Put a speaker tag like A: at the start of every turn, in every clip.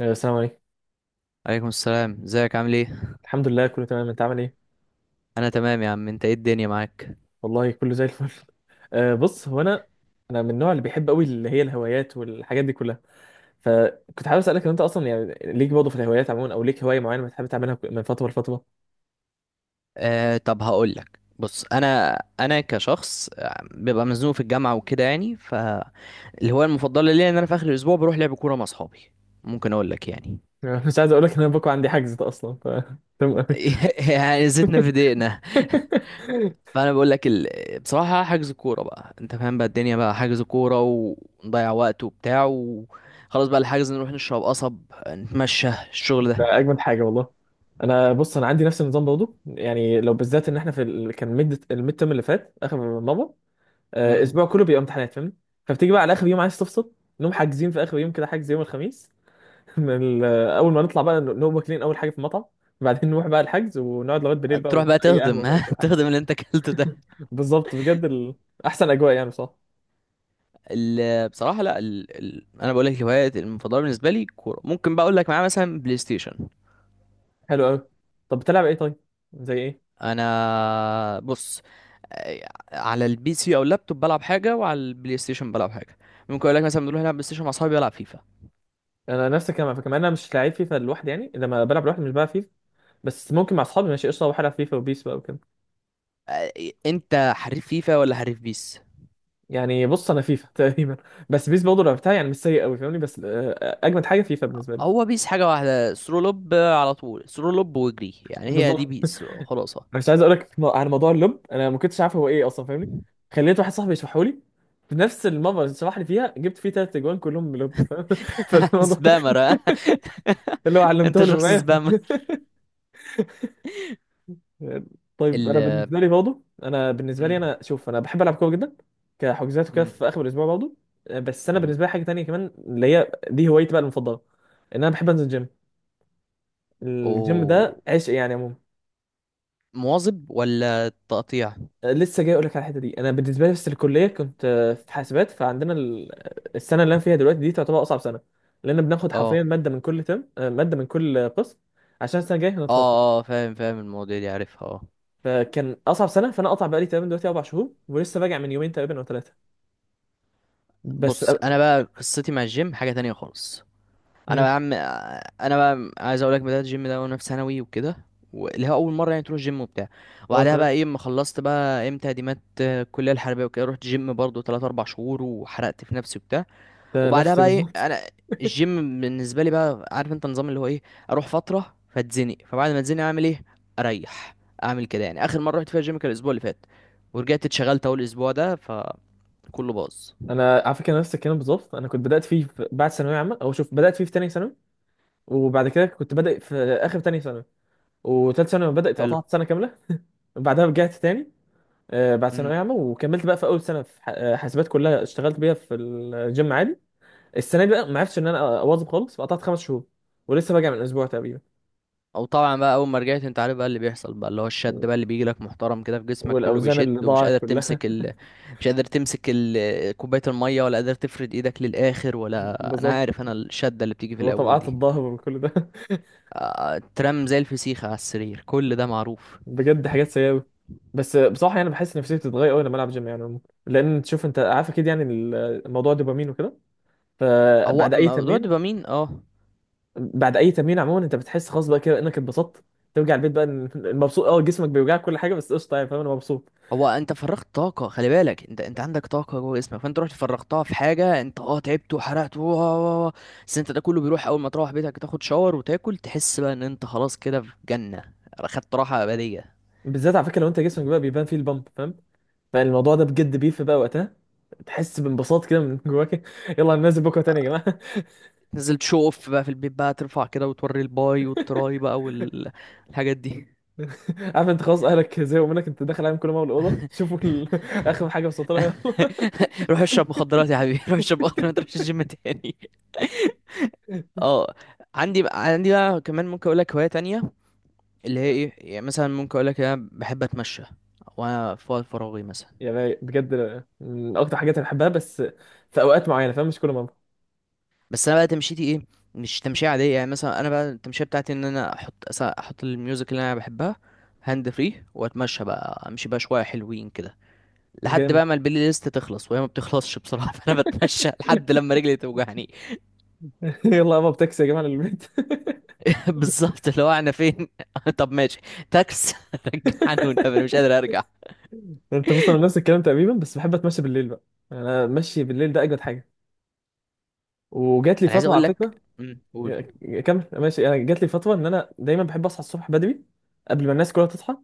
A: السلام عليكم.
B: عليكم السلام، ازيك؟ عامل ايه؟
A: الحمد لله، كله تمام. انت عامل ايه؟
B: انا تمام يا عم، انت ايه الدنيا معاك؟
A: والله كله زي الفل. بص، هو انا من النوع اللي بيحب قوي، اللي هي الهوايات والحاجات دي كلها. فكنت حابب اسالك ان انت اصلا يعني ليك برضه في الهوايات عموما، او ليك هوايه معينه بتحب تعملها من فتره لفتره.
B: طب هقول لك. بص، انا كشخص ببقى مزنوق في الجامعه وكده، يعني فالهوايه المفضله ليا ان انا في اخر الاسبوع بروح لعب كوره مع اصحابي. ممكن اقول لك يعني.
A: مش عايز اقول لك ان انا بكره عندي حجز ده اصلا، ف تمام قوي.
B: يعني زيتنا في دقيقنا. فانا بقول لك بصراحه، حجز كوره بقى. انت فاهم بقى الدنيا بقى حجز كوره ونضيع وقت وبتاع، وخلاص بقى الحجز، نروح نشرب قصب، نتمشى، الشغل ده.
A: ده اجمد حاجه والله. انا بص، انا عندي نفس النظام برضه، يعني لو بالذات ان احنا كان الميد ترم اللي فات اخر مره.
B: مم.
A: اسبوع كله بيبقى امتحانات فاهمني. فبتيجي بقى على اخر يوم عايز تفصل. نقوم حاجزين في اخر يوم كده حجز يوم الخميس. من ال- آه، اول ما نطلع بقى نقوم واكلين اول حاجه في المطعم. وبعدين نروح بقى الحجز ونقعد لغايه بالليل
B: تروح
A: بقى
B: بقى
A: اي قهوه
B: تهضم
A: بقى
B: ها،
A: وكل حاجه.
B: تهضم اللي انت اكلته ده.
A: بالظبط، بجد احسن اجواء يعني بصراحه.
B: بصراحه، لا. انا بقول لك، الهوايات المفضله بالنسبه لي كوره، ممكن بقى اقول لك معاه مثلا بلاي ستيشن.
A: حلو قوي. طب بتلعب ايه طيب؟ زي ايه؟
B: انا بص، على البي سي او اللابتوب بلعب حاجه، وعلى البلاي ستيشن بلعب حاجه. ممكن اقول لك مثلا بنروح نلعب بلاي ستيشن مع اصحابي، بلعب فيفا.
A: انا نفس الكلام على فكره، مع إن انا مش لعيب فيفا لوحدي، يعني لما بلعب لوحدي مش بلعب فيفا. بس ممكن مع اصحابي ماشي قشطه، بروح العب فيفا وبيس بقى وكده.
B: آه، انت حريف فيفا ولا حريف بيس؟
A: يعني بص انا فيفا تقريبا. بس بيس برضه لعبتها، يعني مش سيء قوي فاهمني، بس اجمد حاجه فيفا بالنسبه لي.
B: هو بيس حاجه واحده، سرو لوب على طول، سرو لوب واجري، يعني هي دي
A: بالظبط. انا
B: بيس خلاصه.
A: مش عايز اقول لك على موضوع اللب، انا ما كنتش عارف هو ايه اصلا فاهمني. خليت واحد صاحبي يشرحه لي. في نفس المره اللي شرح لي فيها جبت فيه ثلاث اجوان كلهم من لب، فاهم؟ فالموضوع
B: سبامر ها؟
A: اللي هو
B: انت
A: علمته له
B: شخص
A: معايا.
B: سبامر.
A: طيب،
B: ال
A: انا بالنسبه لي برضه، انا بالنسبه لي،
B: مم.
A: انا شوف، انا بحب العب كوره جدا، كحجوزات وكده
B: مم.
A: في اخر الاسبوع برضه. بس انا
B: حلو.
A: بالنسبه لي حاجه تانية كمان اللي هي دي هوايتي بقى المفضله. ان انا بحب انزل الجيم. الجيم ده
B: اوه.
A: عشق يعني عموما.
B: مواظب ولا تقطيع؟
A: لسه جاي اقول لك على الحته دي. انا بالنسبه لي بس الكليه كنت في حاسبات، السنه اللي انا فيها دلوقتي دي تعتبر اصعب سنه. لان بناخد حرفيا
B: اه
A: ماده من كل ترم، ماده من كل قسم، عشان السنه الجايه
B: اه
A: هنتخصص.
B: اه، فاهم فاهم المواضيع دي عارفها اه.
A: فكان اصعب سنه، فانا قطع بقالي تقريبا دلوقتي اربع شهور، ولسه راجع من يومين تقريبا او ثلاثه. بس
B: بص،
A: أ-
B: انا بقى قصتي مع الجيم حاجه تانية خالص. انا
A: مم.
B: بقى عم انا بقى عايز اقول لك، بدات الجيم ده وانا في ثانوي وكده، اللي هو اول مره يعني تروح جيم وبتاع.
A: اه،
B: وبعدها
A: تمام.
B: بقى ايه، اما خلصت بقى امتى تقديمات الكليه الحربيه وكده، رحت جيم برضو 3 4 شهور وحرقت في نفسي وبتاع.
A: ده
B: وبعدها
A: نفسي
B: بقى ايه
A: بالظبط.
B: انا، الجيم بالنسبه لي بقى، عارف انت النظام اللي هو ايه، اروح فتره فاتزنق. فبعد ما اتزنق اعمل ايه؟ اريح. اعمل كده، يعني اخر مره رحت فيها الجيم كان الاسبوع اللي فات، ورجعت اتشغلت اول اسبوع ده فكله باظ.
A: انا على فكره نفس الكلام بالظبط، انا كنت بدات فيه في بعد ثانويه عامه، او شوف، بدات فيه في ثانيه ثانوي. وبعد كده كنت بادئ في اخر ثانيه ثانوي، وثالث ثانوي بدات،
B: حلو.
A: قطعت سنه كامله. وبعدها رجعت تاني بعد ثانوية
B: امم.
A: عامة، وكملت بقى في أول سنة في حاسبات كلها اشتغلت بيها في الجيم عادي. السنة دي بقى ما عرفتش إن أنا أواظب خالص، فقطعت خمس شهور، ولسه راجع من أسبوع تقريبا.
B: او طبعا بقى، اول ما رجعت انت عارف بقى اللي بيحصل بقى، اللي هو الشد بقى اللي بيجي لك محترم كده، في جسمك كله
A: والأوزان اللي
B: بيشد ومش
A: ضاعت
B: قادر
A: كلها.
B: تمسك ال... مش قادر تمسك ال... كوبايه الميه، ولا قادر تفرد ايدك للاخر، ولا انا
A: بالظبط.
B: عارف انا الشده اللي بتيجي في الاول
A: وطبقات
B: دي.
A: الظهر وكل ده.
B: ترام زي الفسيخة على السرير، كل ده معروف.
A: بجد حاجات سيئة أوي. بس بصراحة يعني بحس نفسيتي بتتغير أوي لما ألعب جيم يعني عموماً. لأن تشوف، أنت عارف أكيد، يعني الموضوع دوبامين وكده.
B: هو
A: فبعد أي
B: موضوع
A: تمرين،
B: الدوبامين اه.
A: بعد اي تمرين عموما انت بتحس خلاص بقى كده انك اتبسطت. ترجع البيت بقى مبسوط، اه، جسمك بيوجعك كل حاجه بس قشطه يعني، فاهم؟ انا مبسوط.
B: هو انت فرغت طاقة، خلي بالك انت عندك طاقة جوه جسمك، فانت رحت فرغتها في حاجة، انت اه تعبت وحرقت بس انت ده كله بيروح اول ما تروح بيتك تاخد شاور وتاكل، تحس بقى ان انت خلاص كده في جنة، خدت راحة أبدية.
A: بالذات على فكره لو انت جسمك بقى بيبان فيه البامب، فاهم؟ فالموضوع ده بجد بيفرق بقى وقتها. تحس بانبساط كده من جواك. يلا هننزل بكره تاني يا جماعه.
B: نزلت شو اوف بقى في البيت بقى، ترفع كده وتوري الباي والتراي بقى والحاجات دي.
A: عارف انت، خلاص اهلك زهقوا منك، انت داخل عليهم كل ما الاوضه شوفوا اخر حاجه وصلت لها.
B: روح اشرب مخدرات يا حبيبي، روح اشرب مخدرات، ما تروحش الجيم تاني. اه. عندي بقى كمان ممكن اقول لك هواية تانية، اللي هي
A: يلا.
B: ايه، يعني مثلا ممكن اقول لك انا بحب اتمشى وانا في وقت فراغي مثلا.
A: يا باي بجد. من اكتر حاجات اللي بحبها، بس في اوقات معينه، فاهم؟ مش كل مره.
B: بس انا بقى تمشيتي ايه؟ مش تمشية عادية، يعني مثلا انا بقى التمشية بتاعتي ان انا احط الميوزك اللي انا بحبها هاند فري، واتمشى بقى، امشي بقى شوية حلوين كده، لحد
A: جامد.
B: بقى ما البلاي ليست تخلص، وهي ما بتخلصش بصراحة. فانا بتمشى لحد لما رجلي توجعني.
A: يلا يابا بتاكسي يا جماعه للبيت.
B: بالظبط، اللي هو انا فين؟ طب ماشي، تاكس، رجعني والنبي، انا مش قادر ارجع.
A: انت بص، انا نفس الكلام تقريبا، بس بحب اتمشى بالليل بقى. يعني انا ماشي بالليل ده اجمد حاجه. وجات لي
B: انا عايز
A: فتره على
B: اقول
A: فكره.
B: لك قول.
A: كمل ماشي. انا جات لي فتره ان انا دايما بحب اصحى الصبح بدري قبل ما الناس كلها تصحى،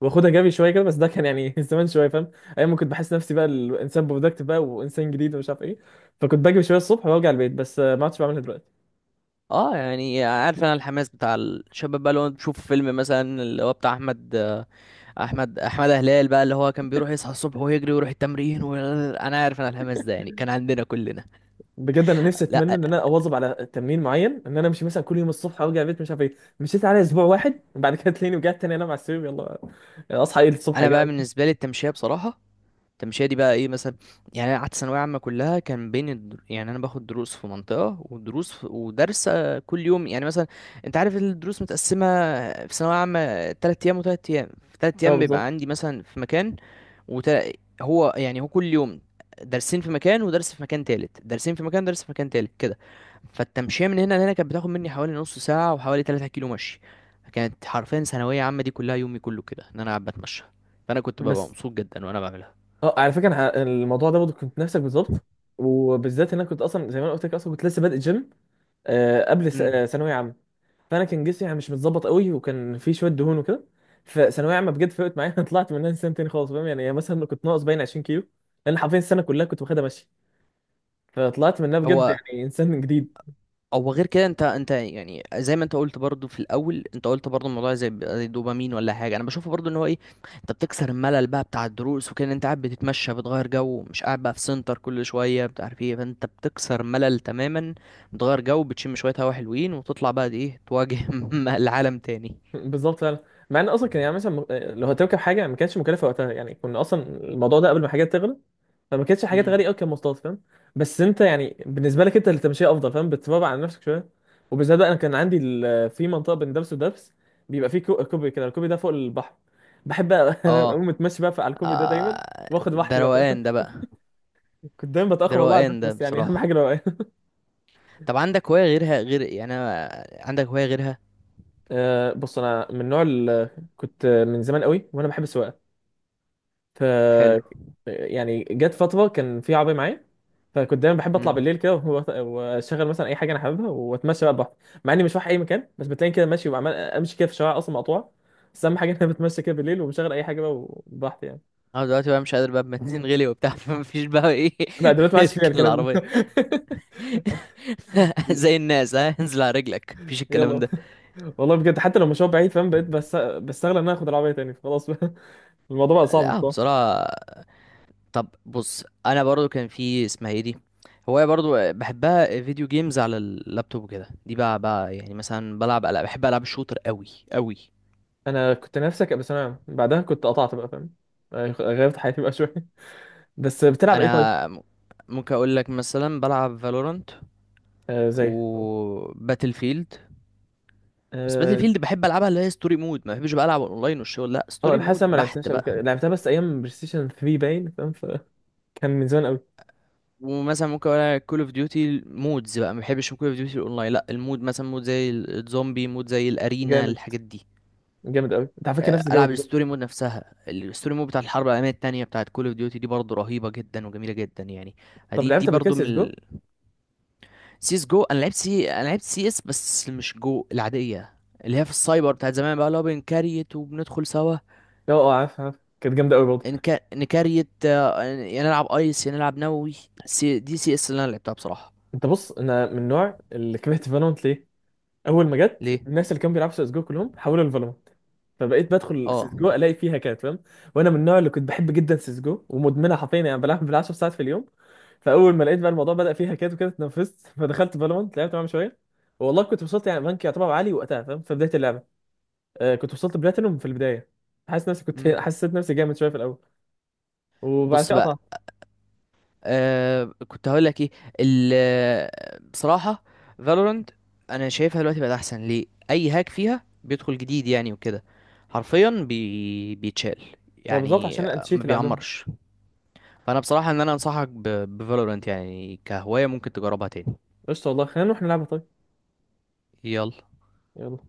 A: واخدها جري شويه كده، بس ده كان يعني زمان شويه، فاهم؟ ايام ما كنت بحس نفسي بقى الانسان برودكتيف بقى، وانسان جديد ومش عارف ايه. فكنت بجري شويه الصبح وارجع البيت، بس ما عدتش بعملها دلوقتي.
B: اه، يعني عارف انا الحماس بتاع الشباب بقى، اللي هو تشوف فيلم مثلا اللي هو بتاع احمد احمد هلال بقى، اللي هو كان بيروح يصحى الصبح ويجري ويروح التمرين انا عارف انا الحماس ده يعني كان عندنا كلنا.
A: بجد انا نفسي اتمنى
B: لا.
A: ان انا اواظب على تمرين معين، ان انا امشي مثلا كل يوم الصبح وارجع البيت، مش عارف ايه، مشيت على اسبوع واحد بعد كده تلاقيني رجعت تاني انام على السرير، يلا اصحى ايه الصبح يا
B: انا بقى
A: جماعه.
B: بالنسبه لي التمشيه بصراحه، التمشيه دي بقى ايه مثلا؟ يعني انا قعدت ثانويه عامه كلها كان بين يعني انا باخد دروس في منطقه، ودرس كل يوم، يعني مثلا انت عارف الدروس متقسمه في ثانويه عامه، تلات ايام وتلات ايام، في تلات
A: اه،
B: ايام بيبقى
A: بالظبط.
B: عندي مثلا في مكان، وت... هو يعني هو كل يوم درسين في مكان ودرس في مكان تالت، درسين في مكان درس في مكان تالت كده. فالتمشية من هنا لهنا كانت بتاخد مني حوالي نص ساعة وحوالي 3 كيلو مشي. كانت حرفيا ثانوية عامة دي كلها، يومي كله كده ان انا قاعد بتمشى، فانا كنت ببقى
A: بس
B: مبسوط جدا وانا بعملها.
A: اه على فكره انا الموضوع ده برضه كنت نفسك بالظبط. وبالذات ان انا كنت اصلا زي ما انا قلت لك، اصلا كنت لسه بادئ جيم، آه، قبل س-
B: امم.
A: آه، ثانويه عامه. فانا كان جسمي يعني مش متظبط قوي، وكان في شويه دهون وكده. فثانويه عامه بجد فرقت معايا. انا طلعت منها انسان تاني خالص، فاهم؟ يعني مثلا كنت ناقص باين 20 كيلو، لان حرفيا السنه كلها كنت واخدها ماشي. فطلعت منها بجد
B: هو،
A: يعني انسان جديد.
B: او غير كده انت يعني زي ما انت قلت برضو في الاول، انت قلت برضو الموضوع زي الدوبامين ولا حاجه، انا بشوفه برضو ان هو ايه، انت بتكسر الملل بقى بتاع الدروس وكده، انت قاعد بتتمشى بتغير جو، مش قاعد بقى في سنتر كل شويه مش عارف ايه، فانت بتكسر ملل تماما، بتغير جو، بتشم شويه هوا حلوين، وتطلع بقى ايه تواجه العالم تاني.
A: بالظبط فعلا. مع ان اصلا كان يعني مثلا لو هتركب حاجه ما كانتش مكلفه وقتها، يعني كنا اصلا الموضوع ده قبل ما حاجات تغلى، فما كانتش حاجات غاليه
B: امم.
A: قوي كمواصلات، فاهم؟ بس انت يعني بالنسبه لك انت اللي تمشيها افضل، فاهم؟ بتتبع على نفسك شويه. وبالذات بقى انا كان عندي في منطقه بين دبس ودبس بيبقى فيه كوبري كده، الكوبري ده فوق البحر، بحب بقى
B: اه.
A: اقوم متمشي بقى على الكوبري ده دايما. واخد
B: ده
A: راحتي بقى فاهم.
B: روقان ده بقى،
A: كنت دايما
B: ده
A: بتاخر والله على الدرس،
B: روقان ده
A: بس يعني اهم
B: بصراحه.
A: حاجه الوقايه.
B: طب عندك هوايه غيرها، غير يعني عندك هوايه غيرها؟
A: أه بص، انا من كنت من زمان قوي وانا بحب السواقه. ف
B: حلو.
A: يعني جت فترة كان في عربية معايا، فكنت دايما بحب اطلع
B: مم.
A: بالليل كده واشغل مثلا اي حاجة انا حاببها، واتمشى بقى براحتي. مع اني مش رايح اي مكان، بس بتلاقيني كده ماشي وعمال امشي كده في شوارع اصلا مقطوعة. بس اهم حاجة ان انا بتمشى كده بالليل، وبشغل اي حاجة بقى وبراحتي يعني.
B: انا دلوقتي بقى مش قادر بقى، بنزين غلي وبتاع، فمفيش بقى ايه.
A: لا دلوقتي ما عادش فيها
B: اركن
A: الكلام
B: العربية.
A: ده.
B: زي الناس ها، انزل على رجلك، مفيش الكلام
A: يلا.
B: ده.
A: والله بجد، حتى لو مشوار بعيد فاهم، بقيت بس بستغل ان انا اخد العربية تاني خلاص بقى. الموضوع بقى صعب
B: لا
A: بصراحة.
B: بصراحة. طب بص، انا برضو كان في اسمها ايه دي، هواية برضو بحبها، فيديو جيمز على اللابتوب وكده، دي بقى يعني مثلا بلعب ألعاب، بحب ألعاب الشوتر قوي قوي.
A: انا كنت نفسي ابقى ثانوي عام بعدها كنت قطعت بقى، فاهم؟ غيرت حياتي بقى شوية. بس بتلعب ايه طيب؟
B: انا م- ممكن اقول لك مثلا بلعب فالورانت
A: آه زي.
B: وباتل فيلد. بس باتل
A: اه،
B: فيلد بحب العبها اللي هي ستوري مود، ما بحبش بقى العب اونلاين والشغل، لا ستوري
A: انا حاسس
B: مود
A: أنا ما
B: بحت
A: لعبتهاش قبل
B: بقى.
A: كده، لعبتها بس ايام بلاي ستيشن 3 باين، فاهم؟ فكان من زمان قوي.
B: ومثلا ممكن اقول كول اوف ديوتي مودز بقى، ما بحبش كول اوف ديوتي الاونلاين، لا المود، مثلا مود زي الزومبي مود زي الارينا
A: جامد.
B: الحاجات دي.
A: جامد قوي، انت على فكره نفس الجو
B: العب
A: بالظبط.
B: الستوري مود نفسها، الستوري مود بتاع الحرب العالميه التانية بتاعت كول اوف ديوتي دي برضه رهيبه جدا وجميله جدا يعني.
A: طب
B: دي
A: لعبت
B: دي
A: قبل كده
B: برضه
A: سي اس
B: من.
A: جو؟
B: سيس جو، انا لعبت سي اس بس مش جو العاديه، اللي هي في السايبر بتاعت زمان بقى، اللي هو بنكريت وبندخل سوا.
A: لا، اه، اه، عارف عارف، كانت جامده قوي برضه.
B: نكريت، يا نلعب ايس يا نلعب نووي. دي سي اس اللي انا لعبتها بصراحه.
A: انت بص، انا من النوع اللي كرهت فالونت ليه؟ اول ما جت
B: ليه؟
A: الناس اللي كانوا بيلعبوا سيسجو كلهم حولوا لفالورانت. فبقيت بدخل
B: اه.
A: سيسجو الاقي فيها كات، فاهم؟ وانا من النوع اللي كنت بحب جدا سيسجو ومدمنها حرفيا، يعني بلعب بال10 ساعات في اليوم. فاول ما لقيت بقى الموضوع بدأ فيها كات وكده اتنفست. فدخلت فالورانت لعبت معاهم شويه. والله كنت وصلت يعني بنك يعتبر عالي وقتها فاهم، في بدايه اللعبه. آه، كنت وصلت بلاتينوم في البدايه. حاسس نفسي كنت
B: مم.
A: حسيت نفسي جامد شويه في الاول. وبعد
B: بص
A: كده
B: بقى،
A: قطعت.
B: كنت هقول لك ايه. ال آه، بصراحه فالورنت، انا شايفها دلوقتي بقت احسن. ليه؟ اي هاك فيها بيدخل جديد يعني وكده، حرفيا بيتشال،
A: بالظبط
B: يعني
A: عشان الانتشيت
B: ما
A: اللي عندهم.
B: بيعمرش. فانا بصراحه ان انا انصحك بفالورنت، يعني كهوايه ممكن تجربها تاني.
A: قشطه والله، خلينا نروح نلعبها طيب.
B: يلا.
A: يلا.